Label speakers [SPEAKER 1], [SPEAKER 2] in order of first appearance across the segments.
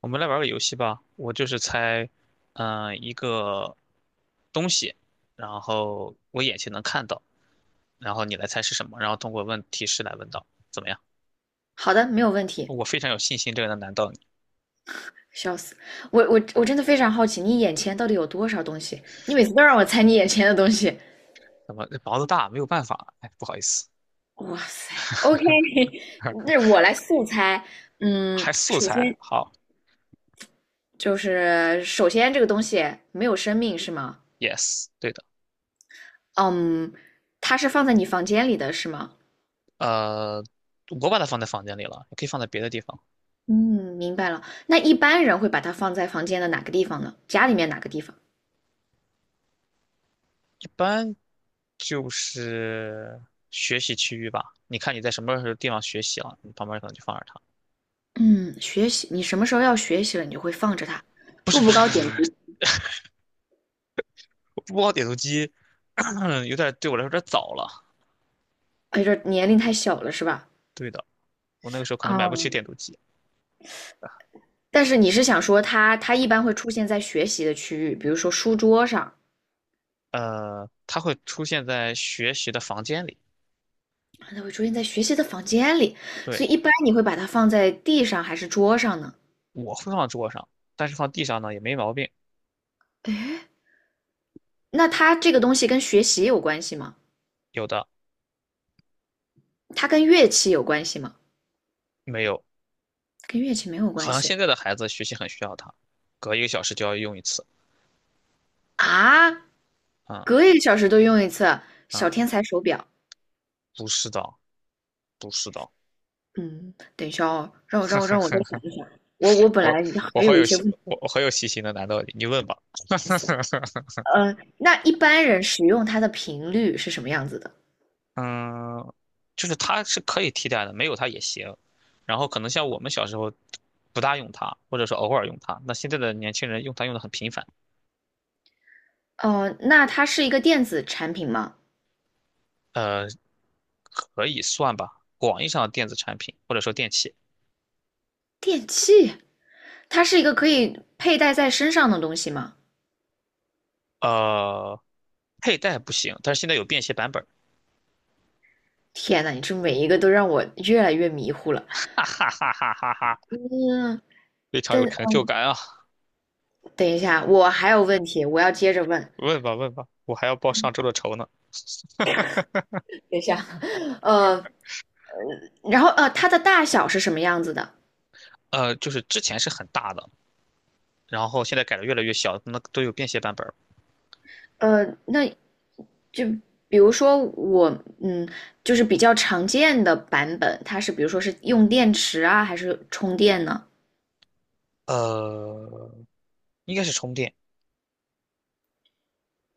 [SPEAKER 1] 我们来玩个游戏吧，我就是猜，一个东西，然后我眼前能看到，然后你来猜是什么，然后通过问提示来问到，怎么样？
[SPEAKER 2] 好的，没有问题。
[SPEAKER 1] 我非常有信心这个能难到你。
[SPEAKER 2] 笑死，我真的非常好奇，你眼前到底有多少东西？你每次都让我猜你眼前的东西。
[SPEAKER 1] 怎么毛子大，没有办法，哎，不好意思，
[SPEAKER 2] 哇塞，OK，那我来速猜。
[SPEAKER 1] 还素
[SPEAKER 2] 首
[SPEAKER 1] 材，
[SPEAKER 2] 先
[SPEAKER 1] 好
[SPEAKER 2] 这个东西没有生命是吗？
[SPEAKER 1] ，yes，对的，
[SPEAKER 2] 嗯，它是放在你房间里的是吗？
[SPEAKER 1] 呃，我把它放在房间里了，也可以放在别的地方，
[SPEAKER 2] 嗯，明白了。那一般人会把它放在房间的哪个地方呢？家里面哪个地方？
[SPEAKER 1] 一般就是学习区域吧。你看你在什么地方学习了，你旁边可能就放着它。
[SPEAKER 2] 嗯，学习，你什么时候要学习了，你就会放着它。
[SPEAKER 1] 不是
[SPEAKER 2] 步
[SPEAKER 1] 不
[SPEAKER 2] 步
[SPEAKER 1] 是
[SPEAKER 2] 高
[SPEAKER 1] 不是
[SPEAKER 2] 点
[SPEAKER 1] 不是，
[SPEAKER 2] 读，
[SPEAKER 1] 不包点读机，有点对我来说有点早了。
[SPEAKER 2] 哎，这年龄太小了是吧？
[SPEAKER 1] 对的，我那个时候可能买不起
[SPEAKER 2] 嗯，
[SPEAKER 1] 点读机。
[SPEAKER 2] 但是你是想说它一般会出现在学习的区域，比如说书桌上，
[SPEAKER 1] 它会出现在学习的房间里，
[SPEAKER 2] 它会出现在学习的房间里，
[SPEAKER 1] 对，
[SPEAKER 2] 所以一般你会把它放在地上还是桌上呢？
[SPEAKER 1] 我会放桌上，但是放地上呢也没毛病，
[SPEAKER 2] 诶，那它这个东西跟学习有关系吗？
[SPEAKER 1] 有的
[SPEAKER 2] 它跟乐器有关系吗？
[SPEAKER 1] 没有。
[SPEAKER 2] 跟乐器没有
[SPEAKER 1] 好
[SPEAKER 2] 关
[SPEAKER 1] 像
[SPEAKER 2] 系
[SPEAKER 1] 现在的孩子学习很需要它，隔一个小时就要用一次。
[SPEAKER 2] 啊，
[SPEAKER 1] 嗯
[SPEAKER 2] 隔一个小时都用一次
[SPEAKER 1] 嗯，
[SPEAKER 2] 小天才手表。
[SPEAKER 1] 不是的，不是的，
[SPEAKER 2] 嗯，等一下哦，让我再想一想，我本来
[SPEAKER 1] 我我
[SPEAKER 2] 还
[SPEAKER 1] 好
[SPEAKER 2] 有一
[SPEAKER 1] 有
[SPEAKER 2] 些问
[SPEAKER 1] 细，
[SPEAKER 2] 题。
[SPEAKER 1] 我好有细心的，难道你问吧？
[SPEAKER 2] 呃，那一般人使用它的频率是什么样子的？
[SPEAKER 1] 嗯，就是它是可以替代的，没有它也行。然后可能像我们小时候不大用它，或者说偶尔用它，那现在的年轻人用它用的很频繁，
[SPEAKER 2] 哦，那它是一个电子产品吗？
[SPEAKER 1] 呃，可以算吧，广义上的电子产品或者说电器。
[SPEAKER 2] 电器，它是一个可以佩戴在身上的东西吗？
[SPEAKER 1] 呃，佩戴不行，但是现在有便携版本儿，
[SPEAKER 2] 天呐，你这每一个都让我越来越迷糊了。
[SPEAKER 1] 哈哈哈哈哈哈，
[SPEAKER 2] 嗯，
[SPEAKER 1] 非常有成
[SPEAKER 2] 等
[SPEAKER 1] 就感啊！
[SPEAKER 2] 等一下，我还有问题，我要接着问。
[SPEAKER 1] 问吧问吧，我还要报上周的仇呢。
[SPEAKER 2] 等一下，呃，然后它的大小是什么样子的？
[SPEAKER 1] 就是之前是很大的，然后现在改的越来越小，那都有便携版本儿。
[SPEAKER 2] 那就比如说我，嗯，就是比较常见的版本，它是比如说是用电池啊，还是充电呢？
[SPEAKER 1] 呃，应该是充电，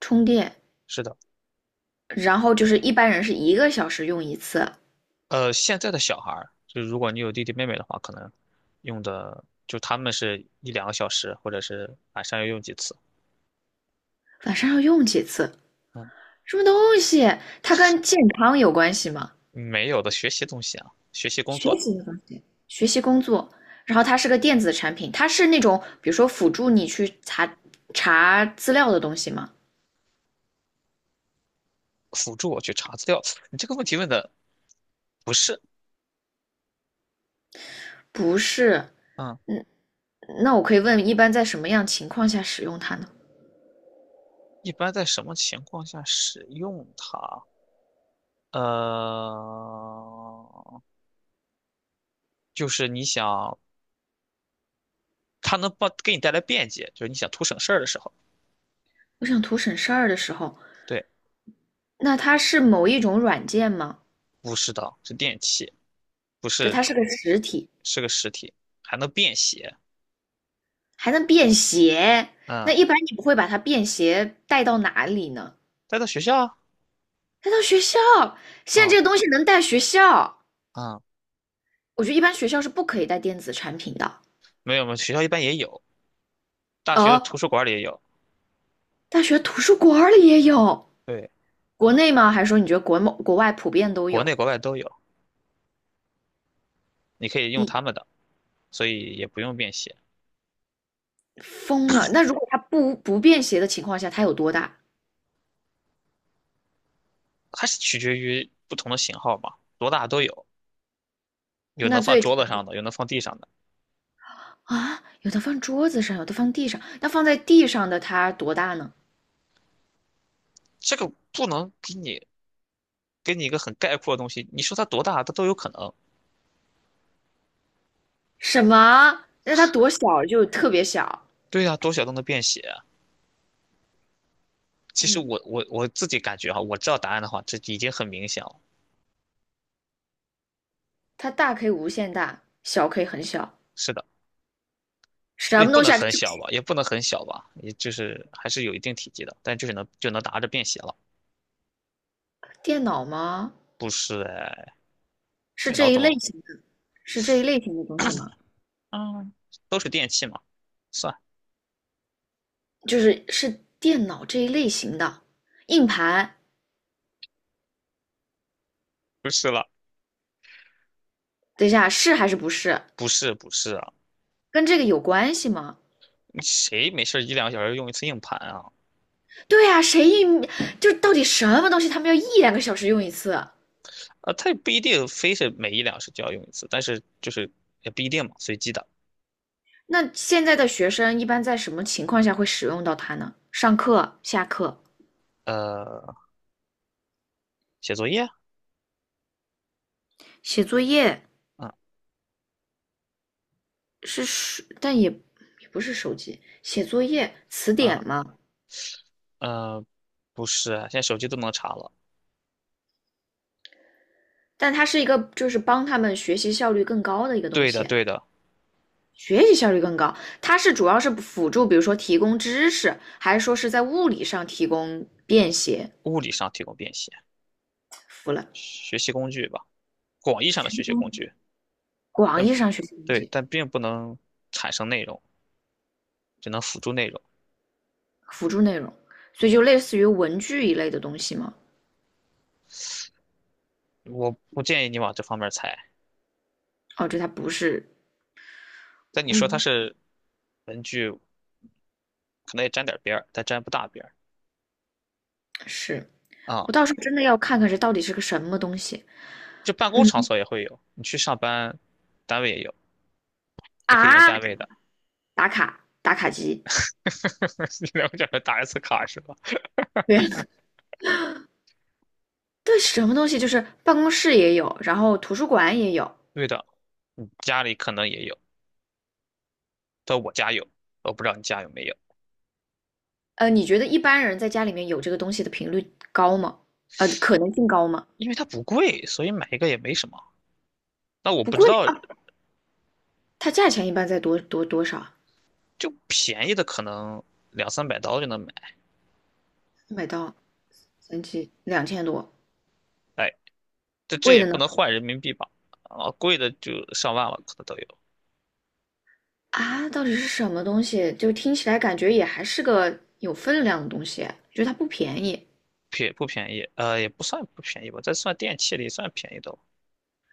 [SPEAKER 2] 充电，
[SPEAKER 1] 是的。
[SPEAKER 2] 然后就是一般人是一个小时用一次，
[SPEAKER 1] 现在的小孩儿，就如果你有弟弟妹妹的话，可能用的就他们是一两个小时，或者是晚上要用几次。
[SPEAKER 2] 晚上要用几次？
[SPEAKER 1] 嗯，
[SPEAKER 2] 什么东西？它跟健康有关系吗？
[SPEAKER 1] 没有的学习东西啊，学习工
[SPEAKER 2] 学
[SPEAKER 1] 作的
[SPEAKER 2] 习的东西，学习工作。然后它是个电子产品，它是那种比如说辅助你去查资料的东西吗？
[SPEAKER 1] 辅助我去查资料。你这个问题问的不是，
[SPEAKER 2] 不是。
[SPEAKER 1] 嗯，
[SPEAKER 2] 嗯，那我可以问，一般在什么样情况下使用它呢？
[SPEAKER 1] 一般在什么情况下使用它？呃，就是你想它能帮给你带来便捷，就是你想图省事儿的时候。
[SPEAKER 2] 我想图省事儿的时候，
[SPEAKER 1] 对，
[SPEAKER 2] 那它是某一种软件吗？
[SPEAKER 1] 不是的，是电器，不
[SPEAKER 2] 就
[SPEAKER 1] 是
[SPEAKER 2] 它是个实体。
[SPEAKER 1] 是个实体，还能便携。
[SPEAKER 2] 还能便携。那
[SPEAKER 1] 嗯。
[SPEAKER 2] 一般你不会把它便携带到哪里呢？
[SPEAKER 1] 带到学校
[SPEAKER 2] 带到学校。现在
[SPEAKER 1] 啊
[SPEAKER 2] 这个东西能带学校，
[SPEAKER 1] 啊，
[SPEAKER 2] 我觉得一般学校是不可以带电子产品的。
[SPEAKER 1] 没有吗？学校一般也有，大学的
[SPEAKER 2] 哦，
[SPEAKER 1] 图书馆里也有，
[SPEAKER 2] 大学图书馆里也有，
[SPEAKER 1] 对，
[SPEAKER 2] 国内吗？还是说你觉得国外普遍都
[SPEAKER 1] 国
[SPEAKER 2] 有？
[SPEAKER 1] 内国外都有，你可以用他
[SPEAKER 2] 你
[SPEAKER 1] 们的，所以也不用便携，
[SPEAKER 2] 疯了？那如果它不便携的情况下，它有多大？
[SPEAKER 1] 还是取决于不同的型号嘛，多大都有，有能
[SPEAKER 2] 那
[SPEAKER 1] 放
[SPEAKER 2] 最
[SPEAKER 1] 桌子上的，有能放地上的，
[SPEAKER 2] 啊，有的放桌子上，有的放地上。那放在地上的它多大呢？
[SPEAKER 1] 这个不能给你一个很概括的东西，你说它多大，它都有可能。
[SPEAKER 2] 什么？那它多小？就特别小。
[SPEAKER 1] 对呀、多小都能便携。其实
[SPEAKER 2] 嗯，
[SPEAKER 1] 我自己感觉哈，我知道答案的话，这已经很明显了。
[SPEAKER 2] 它大可以无限大，小可以很小，
[SPEAKER 1] 是的，
[SPEAKER 2] 什
[SPEAKER 1] 也
[SPEAKER 2] 么
[SPEAKER 1] 不
[SPEAKER 2] 东
[SPEAKER 1] 能
[SPEAKER 2] 西啊？
[SPEAKER 1] 很
[SPEAKER 2] 这
[SPEAKER 1] 小吧，也不能很小吧，也就是还是有一定体积的，但就是能就能拿着便携了。
[SPEAKER 2] 电脑吗？
[SPEAKER 1] 不是哎，
[SPEAKER 2] 是
[SPEAKER 1] 电脑
[SPEAKER 2] 这一
[SPEAKER 1] 怎
[SPEAKER 2] 类
[SPEAKER 1] 么？
[SPEAKER 2] 型的，是这一类型的东西吗？
[SPEAKER 1] 嗯，都是电器嘛，算
[SPEAKER 2] 就是电脑这一类型的硬盘。
[SPEAKER 1] 不是了，
[SPEAKER 2] 等一下，是还是不是？
[SPEAKER 1] 不是不是啊，
[SPEAKER 2] 跟这个有关系吗？
[SPEAKER 1] 你谁没事儿一两个小时用一次硬盘啊？
[SPEAKER 2] 对呀、就到底什么东西他们要一两个小时用一次？
[SPEAKER 1] 啊，它也不一定非是每一两小时就要用一次，但是就是也不一定嘛，随机的。
[SPEAKER 2] 那现在的学生一般在什么情况下会使用到它呢？上课、下课、
[SPEAKER 1] 呃，写作业，
[SPEAKER 2] 写作业
[SPEAKER 1] 嗯
[SPEAKER 2] 是，但也也不是手机，写作业、词
[SPEAKER 1] 嗯
[SPEAKER 2] 典吗？
[SPEAKER 1] 呃，不是啊，现在手机都能查了。
[SPEAKER 2] 但它是一个就是帮他们学习效率更高的一个东
[SPEAKER 1] 对的
[SPEAKER 2] 西，
[SPEAKER 1] 对的，
[SPEAKER 2] 学习效率更高。它是主要是辅助，比如说提供知识，还是说是在物理上提供便携？
[SPEAKER 1] 物理上提供便携，
[SPEAKER 2] 服了，
[SPEAKER 1] 学习工具吧，广义上的
[SPEAKER 2] 学习
[SPEAKER 1] 学习
[SPEAKER 2] 工
[SPEAKER 1] 工
[SPEAKER 2] 具，
[SPEAKER 1] 具。
[SPEAKER 2] 广
[SPEAKER 1] 但
[SPEAKER 2] 义上学习工
[SPEAKER 1] 对，
[SPEAKER 2] 具，
[SPEAKER 1] 但并不能产生内容，只能辅助内容。
[SPEAKER 2] 辅助内容，所以就类似于文具一类的东西嘛。
[SPEAKER 1] 我不建议你往这方面猜。
[SPEAKER 2] 哦，这它不是，
[SPEAKER 1] 但你说它
[SPEAKER 2] 嗯，
[SPEAKER 1] 是文具，可能也沾点边儿，但沾不大边儿
[SPEAKER 2] 是
[SPEAKER 1] 啊。
[SPEAKER 2] 我到时候真的要看看这到底是个什么东西。
[SPEAKER 1] 就办公
[SPEAKER 2] 嗯
[SPEAKER 1] 场所也会有，你去上班，单位也有，你可以用
[SPEAKER 2] 啊，
[SPEAKER 1] 单位的。
[SPEAKER 2] 打卡打卡机，
[SPEAKER 1] 你了解这打 S 卡是吧？
[SPEAKER 2] 对 对，什么东西就是办公室也有，然后图书馆也有。
[SPEAKER 1] 对的，你家里可能也有，但我家有，我不知道你家有没有，
[SPEAKER 2] 你觉得一般人在家里面有这个东西的频率高吗？可能性高吗？
[SPEAKER 1] 因为它不贵，所以买一个也没什么。那我
[SPEAKER 2] 不
[SPEAKER 1] 不
[SPEAKER 2] 贵
[SPEAKER 1] 知道，
[SPEAKER 2] 啊，它价钱一般在多少啊？
[SPEAKER 1] 就便宜的可能两三百刀就能买。
[SPEAKER 2] 一百到三七两千多，
[SPEAKER 1] 哎。这这
[SPEAKER 2] 贵
[SPEAKER 1] 也
[SPEAKER 2] 的
[SPEAKER 1] 不
[SPEAKER 2] 呢？
[SPEAKER 1] 能换人民币吧？啊，贵的就上万了，可能都有，
[SPEAKER 2] 啊，到底是什么东西？就听起来感觉也还是个有分量的东西，觉得它不便宜，
[SPEAKER 1] 便不便宜？呃，也不算不便宜吧，在算电器里算便宜的了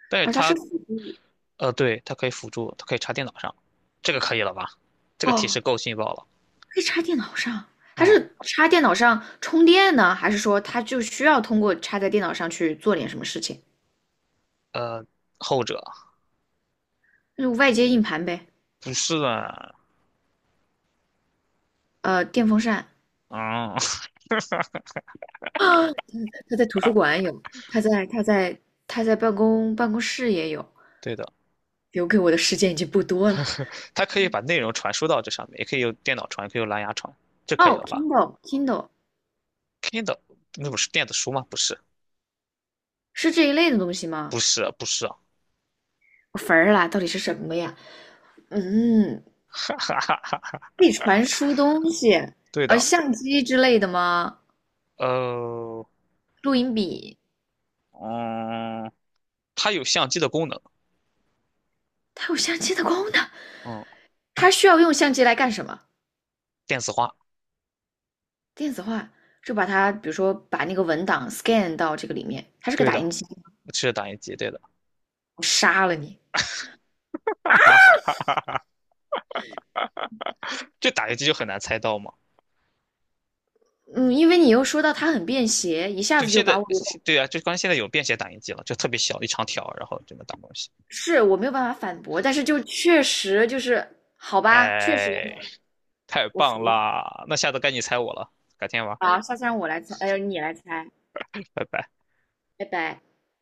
[SPEAKER 1] 但是
[SPEAKER 2] 而它是
[SPEAKER 1] 它，
[SPEAKER 2] 辅助
[SPEAKER 1] 呃，对，它可以辅助，它可以插电脑上，这个可以了吧？这个提
[SPEAKER 2] 哦，
[SPEAKER 1] 示够劲爆了。
[SPEAKER 2] 可以插电脑上，它
[SPEAKER 1] 哦，
[SPEAKER 2] 是插电脑上充电呢，还是说它就需要通过插在电脑上去做点什么事情？
[SPEAKER 1] 呃，后者
[SPEAKER 2] 就是外接硬盘呗，
[SPEAKER 1] 不是啊，
[SPEAKER 2] 电风扇。
[SPEAKER 1] 嗯，
[SPEAKER 2] 他在图书馆有，他在办公室也有，
[SPEAKER 1] 对的，
[SPEAKER 2] 留给我的时间已经不多了。
[SPEAKER 1] 它可以把内容传输到这上面，也可以用电脑传，也可以用蓝牙传，这可以
[SPEAKER 2] 哦，Kindle
[SPEAKER 1] 了吧
[SPEAKER 2] Kindle
[SPEAKER 1] ？Kindle 那不是电子书吗？不是，
[SPEAKER 2] 是这一类的东西吗？
[SPEAKER 1] 不是，不是啊，
[SPEAKER 2] 我坟儿啦，到底是什么呀？嗯，可以传输东西，
[SPEAKER 1] 对的，
[SPEAKER 2] 相机之类的吗？
[SPEAKER 1] 呃，
[SPEAKER 2] 录音笔，
[SPEAKER 1] 嗯。它有相机的功能，
[SPEAKER 2] 它有相机的功能，
[SPEAKER 1] 嗯，
[SPEAKER 2] 它需要用相机来干什么？
[SPEAKER 1] 电子化，
[SPEAKER 2] 电子化，就把它，比如说把那个文档 scan 到这个里面，它是个
[SPEAKER 1] 对
[SPEAKER 2] 打
[SPEAKER 1] 的，
[SPEAKER 2] 印机，
[SPEAKER 1] 是打印机，对的，
[SPEAKER 2] 我杀了你。
[SPEAKER 1] 哈哈哈哈哈，这打印机就很难猜到嘛。
[SPEAKER 2] 嗯，因为你又说到它很便携，一下
[SPEAKER 1] 对，
[SPEAKER 2] 子就
[SPEAKER 1] 现
[SPEAKER 2] 把
[SPEAKER 1] 在
[SPEAKER 2] 我
[SPEAKER 1] 对啊，就关键现在有便携打印机了，就特别小一长条，然后就能打东西。
[SPEAKER 2] 是我没有办法反驳，但是就确实就是好吧，确实
[SPEAKER 1] 哎，太
[SPEAKER 2] 我
[SPEAKER 1] 棒
[SPEAKER 2] 服
[SPEAKER 1] 啦！那下次该你猜我了，改天玩，
[SPEAKER 2] 啊。下次让我来猜，哎、你来猜，
[SPEAKER 1] 拜拜。
[SPEAKER 2] 拜拜。